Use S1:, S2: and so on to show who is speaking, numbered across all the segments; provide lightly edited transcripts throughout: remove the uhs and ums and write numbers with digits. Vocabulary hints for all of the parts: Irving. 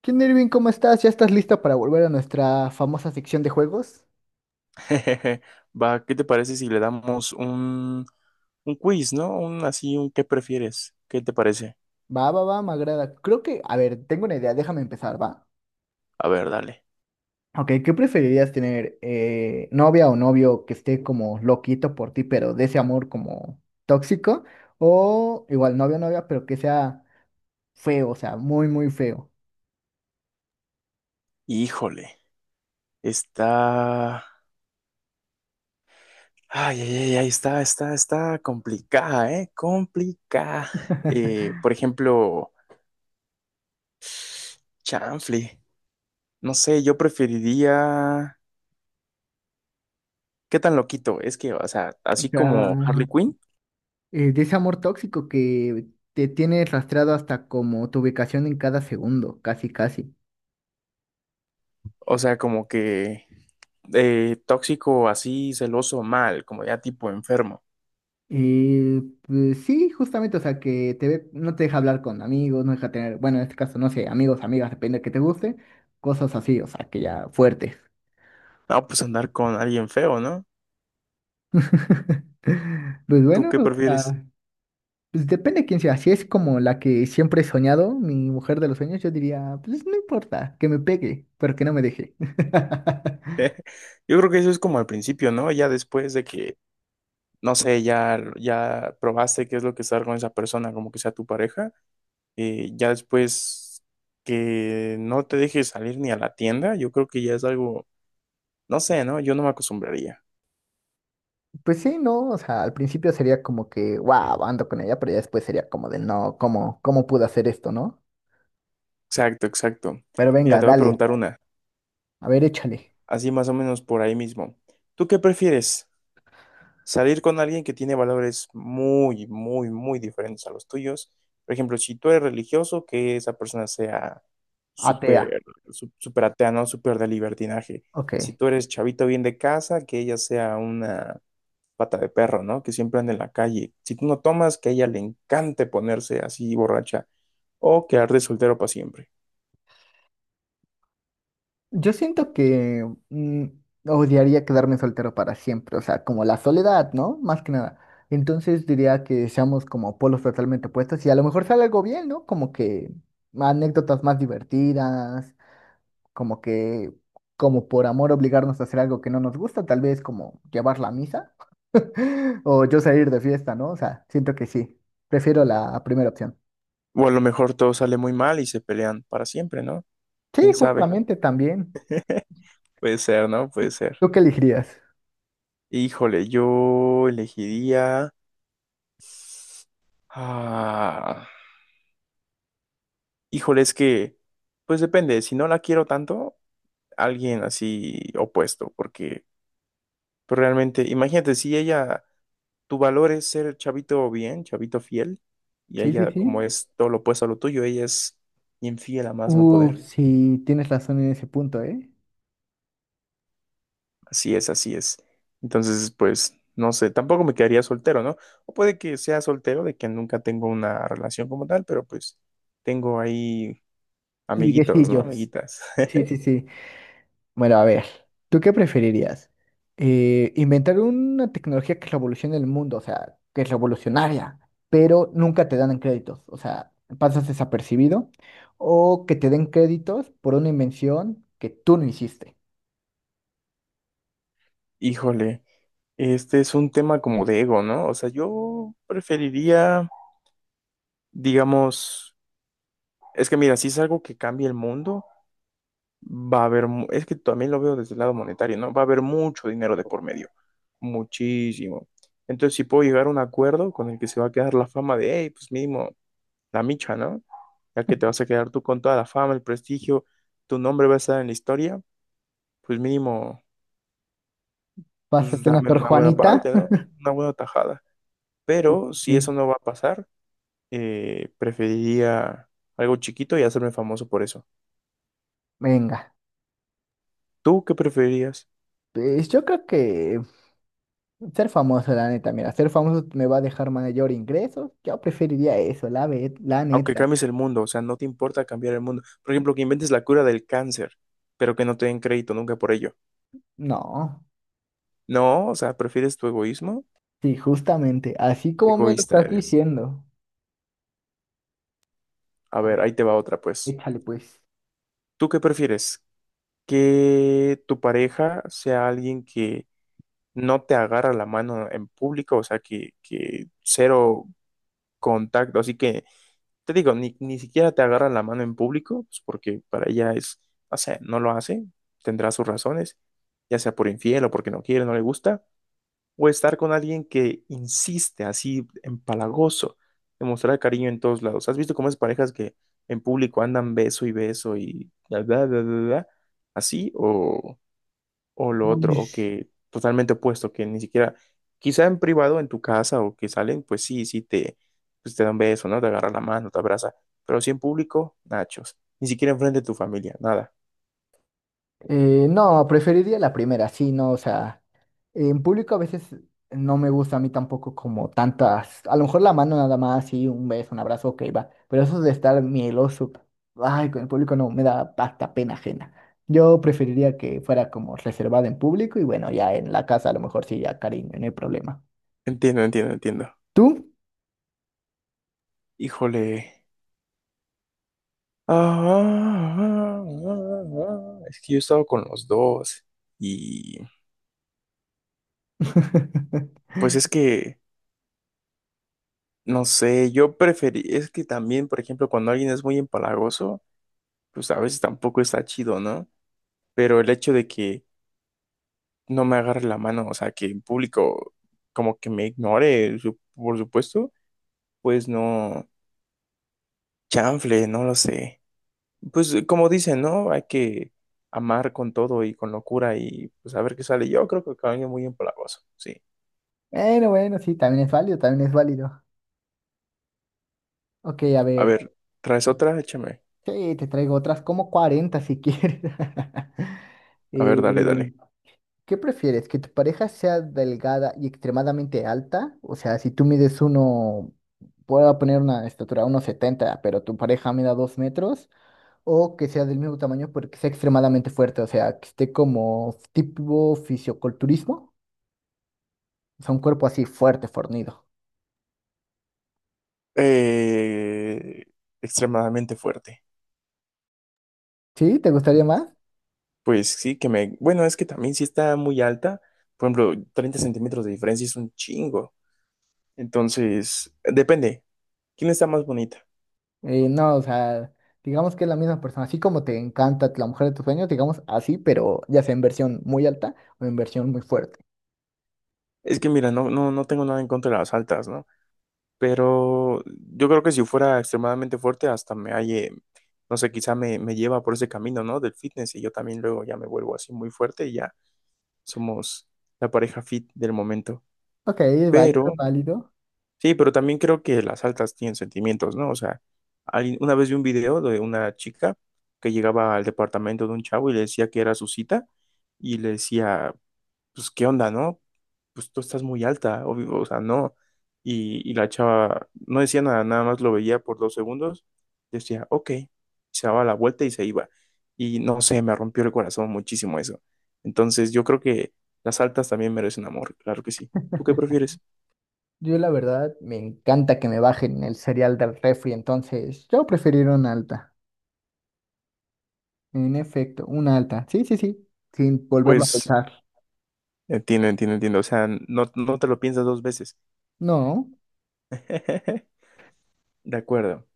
S1: ¿Qué onda, Irving? ¿Cómo estás? ¿Ya estás lista para volver a nuestra famosa sección de juegos?
S2: Jejeje. Va, ¿qué te parece si le damos un quiz, ¿no? Un así, un ¿qué prefieres? ¿Qué te parece?
S1: Va, va, va, me agrada. Creo que, a ver, tengo una idea, déjame empezar, va.
S2: A ver, dale.
S1: Ok, ¿qué preferirías tener? ¿Novia o novio que esté como loquito por ti, pero de ese amor como tóxico? O igual novio o novia, pero que sea feo, o sea, muy, muy feo.
S2: Híjole, está. Ay, ay, ay, ay, está complicada, ¿eh? Complicada. Por ejemplo, chanfle. No sé, yo preferiría. ¿Qué tan loquito? Es que, o sea,
S1: O
S2: así como
S1: sea,
S2: Harley Quinn,
S1: de ese amor tóxico que te tiene rastreado hasta como tu ubicación en cada segundo, casi, casi.
S2: o sea, como que tóxico, así, celoso, mal, como ya tipo enfermo.
S1: Pues sí, justamente, o sea, que no te deja hablar con amigos, no deja tener, bueno, en este caso, no sé, amigos, amigas, depende de que te guste, cosas así, o sea, que ya fuertes.
S2: No, pues andar con alguien feo, ¿no?
S1: Pues
S2: ¿Tú
S1: bueno,
S2: qué
S1: o
S2: prefieres?
S1: sea, pues depende de quién sea, si es como la que siempre he soñado, mi mujer de los sueños, yo diría, pues no importa, que me pegue, pero que no me deje.
S2: Yo creo que eso es como al principio, ¿no? Ya después de que, no sé, ya probaste qué es lo que es estar con esa persona, como que sea tu pareja, ya después que no te dejes salir ni a la tienda, yo creo que ya es algo, no sé, ¿no? Yo no me acostumbraría.
S1: Pues sí, no, o sea, al principio sería como que, wow, ando con ella, pero ya después sería como de, no, ¿cómo pude hacer esto, no?
S2: Exacto, exacto.
S1: Pero
S2: Mira,
S1: venga,
S2: te voy a
S1: dale,
S2: preguntar una,
S1: a ver, échale.
S2: así más o menos por ahí mismo. ¿Tú qué prefieres? Salir con alguien que tiene valores muy, muy, muy diferentes a los tuyos. Por ejemplo, si tú eres religioso, que esa persona sea
S1: Atea,
S2: súper, súper atea, ¿no? Súper de libertinaje. Si
S1: ok.
S2: tú eres chavito bien de casa, que ella sea una pata de perro, ¿no? Que siempre anda en la calle. Si tú no tomas, que a ella le encante ponerse así borracha o quedar de soltero para siempre.
S1: Yo siento que odiaría quedarme soltero para siempre, o sea, como la soledad, ¿no? Más que nada. Entonces diría que seamos como polos totalmente opuestos y a lo mejor sale algo bien, ¿no? Como que anécdotas más divertidas, como que, como por amor obligarnos a hacer algo que no nos gusta, tal vez como llevar la misa o yo salir de fiesta, ¿no? O sea, siento que sí, prefiero la primera opción.
S2: O a lo mejor todo sale muy mal y se pelean para siempre, ¿no?
S1: Sí,
S2: ¿Quién sabe?
S1: justamente también.
S2: Puede ser, ¿no? Puede ser.
S1: ¿Tú qué elegirías?
S2: Híjole, yo elegiría. Ah, híjole, es que, pues depende, si no la quiero tanto, alguien así opuesto, porque pues realmente, imagínate, si ella, tu valor es ser chavito bien, chavito fiel, y
S1: Sí, sí,
S2: ella como
S1: sí.
S2: es todo lo opuesto a lo tuyo, ella es infiel a más no poder.
S1: Sí, tienes razón en ese punto, ¿eh?
S2: Así es, así es. Entonces, pues, no sé, tampoco me quedaría soltero, ¿no? O puede que sea soltero, de que nunca tengo una relación como tal, pero pues tengo ahí amiguitos, ¿no?
S1: Liguecillos.
S2: Amiguitas.
S1: Sí, sí, sí. Sí. Bueno, a ver, ¿tú qué preferirías? Inventar una tecnología que revolucione el mundo, o sea, que es revolucionaria, pero nunca te dan en créditos, o sea, pasas desapercibido, o que te den créditos por una invención que tú no hiciste.
S2: Híjole, este es un tema como de ego, ¿no? O sea, yo preferiría, digamos, es que mira, si es algo que cambia el mundo, va a haber, es que también lo veo desde el lado monetario, ¿no? Va a haber mucho dinero de por medio, muchísimo. Entonces, si puedo llegar a un acuerdo con el que se va a quedar la fama de, hey, pues mínimo, la micha, ¿no? Ya que te vas a quedar tú con toda la fama, el prestigio, tu nombre va a estar en la historia, pues mínimo. Pues
S1: Pásate una
S2: dame
S1: Sor
S2: una buena
S1: Juanita.
S2: parte, ¿no? Una buena tajada. Pero si eso
S1: Sí.
S2: no va a pasar, preferiría algo chiquito y hacerme famoso por eso.
S1: Venga,
S2: ¿Tú qué preferirías?
S1: pues yo creo que ser famoso, la neta, mira, ser famoso me va a dejar mayor ingresos. Yo preferiría eso, la
S2: Aunque
S1: neta.
S2: cambies el mundo, o sea, no te importa cambiar el mundo. Por ejemplo, que inventes la cura del cáncer, pero que no te den crédito nunca por ello.
S1: No,
S2: No, o sea, ¿prefieres tu egoísmo?
S1: sí, justamente, así
S2: Qué
S1: como me lo
S2: egoísta
S1: estás
S2: eres.
S1: diciendo.
S2: A
S1: A
S2: ver,
S1: ver,
S2: ahí te va otra, pues.
S1: échale pues.
S2: ¿Tú qué prefieres? ¿Que tu pareja sea alguien que no te agarra la mano en público, o sea, que cero contacto? Así que te digo, ni siquiera te agarra la mano en público, pues, porque para ella es, o sea, no lo hace, tendrá sus razones, ya sea por infiel o porque no quiere, no le gusta, o estar con alguien que insiste así empalagoso, demostrar cariño en todos lados. ¿Has visto cómo es parejas que en público andan beso y beso y bla, bla, bla, bla, bla? Así o lo otro,
S1: Uy.
S2: o que totalmente opuesto, que ni siquiera, quizá en privado, en tu casa o que salen, pues sí, sí te, pues te dan beso, ¿no? Te agarra la mano, te abraza, pero sí en público, nachos, ni siquiera enfrente de tu familia, nada.
S1: No, preferiría la primera, sí, no, o sea, en público a veces no me gusta a mí tampoco como tantas, a lo mejor la mano nada más, sí, un beso, un abrazo, ok, va, pero eso de estar mieloso, ay, con el público no, me da hasta pena ajena. Yo preferiría que fuera como reservada en público y bueno, ya en la casa a lo mejor sí, ya cariño, no hay problema.
S2: Entiendo, entiendo, entiendo.
S1: ¿Tú?
S2: Híjole. Ah, es que yo he estado con los dos y pues es que, no sé, yo preferí, es que también, por ejemplo, cuando alguien es muy empalagoso, pues a veces tampoco está chido, ¿no? Pero el hecho de que no me agarre la mano, o sea, que en público como que me ignore, por supuesto, pues no, chanfle, no lo sé. Pues como dicen, ¿no? Hay que amar con todo y con locura y pues a ver qué sale. Yo creo que cambia muy empalagoso, sí.
S1: Bueno, bueno, sí, también es válido, también es válido. Ok, a
S2: A
S1: ver.
S2: ver, ¿traes otra? Échame.
S1: Sí, te traigo otras como 40 si quieres.
S2: A ver, dale,
S1: Eh,
S2: dale.
S1: ¿Qué prefieres? ¿Que tu pareja sea delgada y extremadamente alta? O sea, si tú mides uno, puedo poner una estatura 1.70 pero tu pareja mida 2 metros, o que sea del mismo tamaño porque sea extremadamente fuerte, o sea, que esté como tipo fisioculturismo, o sea, un cuerpo así fuerte, fornido.
S2: Eh, Extremadamente fuerte.
S1: ¿Sí? ¿Te gustaría más?
S2: Pues sí, que me. Bueno, es que también si está muy alta. Por ejemplo, 30 centímetros de diferencia es un chingo. Entonces, depende. ¿Quién está más bonita?
S1: No, o sea, digamos que es la misma persona, así como te encanta la mujer de tus sueños, digamos así, pero ya sea en versión muy alta o en versión muy fuerte.
S2: Es que mira, no, no, no tengo nada en contra de las altas, ¿no? Pero yo creo que si fuera extremadamente fuerte, hasta me halle, no sé, quizá me lleva por ese camino, ¿no? Del fitness y yo también luego ya me vuelvo así muy fuerte y ya somos la pareja fit del momento.
S1: Ok, es válido, es
S2: Pero,
S1: válido.
S2: sí, pero también creo que las altas tienen sentimientos, ¿no? O sea, una vez vi un video de una chica que llegaba al departamento de un chavo y le decía que era su cita y le decía, pues, ¿qué onda, no? Pues tú estás muy alta, obvio, o sea, no. Y la chava no decía nada, nada más lo veía por dos segundos, decía, ok, se daba la vuelta y se iba. Y no sé, me rompió el corazón muchísimo eso. Entonces yo creo que las altas también merecen amor, claro que sí. ¿Tú qué prefieres?
S1: Yo la verdad me encanta que me bajen el cereal del refri, entonces yo preferiría una alta. En efecto, una alta. Sí, sí, sí, sin volverlo a
S2: Pues
S1: pensar.
S2: entiendo, entiendo, entiendo. O sea, no, no te lo piensas dos veces.
S1: No,
S2: De acuerdo.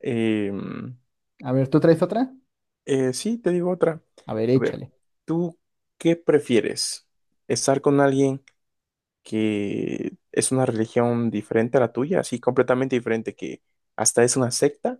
S2: Em,
S1: a ver, ¿tú traes otra?
S2: sí, te digo otra.
S1: A ver,
S2: A ver,
S1: échale.
S2: ¿tú qué prefieres? ¿Estar con alguien que es una religión diferente a la tuya, así completamente diferente, que hasta es una secta,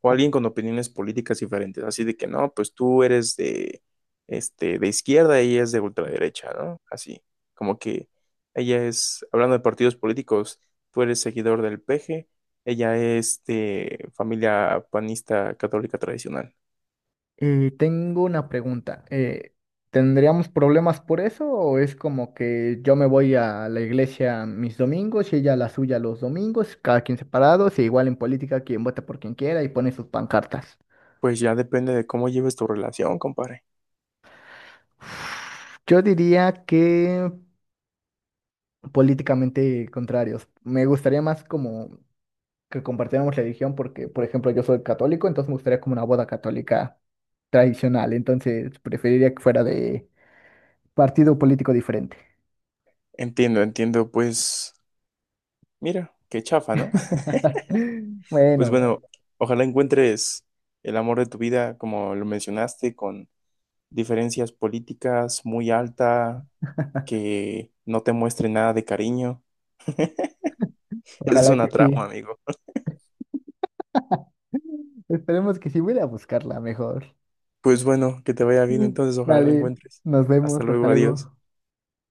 S2: o alguien con opiniones políticas diferentes, así de que no, pues tú eres de izquierda y ella es de ultraderecha, ¿no? Así, como que ella es, hablando de partidos políticos, tú eres seguidor del PG, ella es de familia panista católica tradicional.
S1: Y tengo una pregunta. ¿Tendríamos problemas por eso o es como que yo me voy a la iglesia mis domingos y ella a la suya los domingos, cada quien separados, e igual en política quien vota por quien quiera y pone sus pancartas?
S2: Pues ya depende de cómo lleves tu relación, compadre.
S1: Yo diría que políticamente contrarios. Me gustaría más como que compartiéramos religión porque, por ejemplo, yo soy católico, entonces me gustaría como una boda católica tradicional, entonces preferiría que fuera de partido político diferente.
S2: Entiendo, entiendo, pues mira, qué chafa, ¿no? Pues
S1: Bueno,
S2: bueno, ojalá encuentres el amor de tu vida, como lo mencionaste, con diferencias políticas muy alta, que no te muestre nada de cariño. Eso es
S1: ojalá
S2: una
S1: que sí.
S2: trama, amigo.
S1: Esperemos que sí. Voy a ir a buscarla mejor.
S2: Pues bueno, que te vaya bien entonces, ojalá la
S1: Dale,
S2: encuentres.
S1: nos
S2: Hasta
S1: vemos. Hasta
S2: luego, adiós.
S1: luego.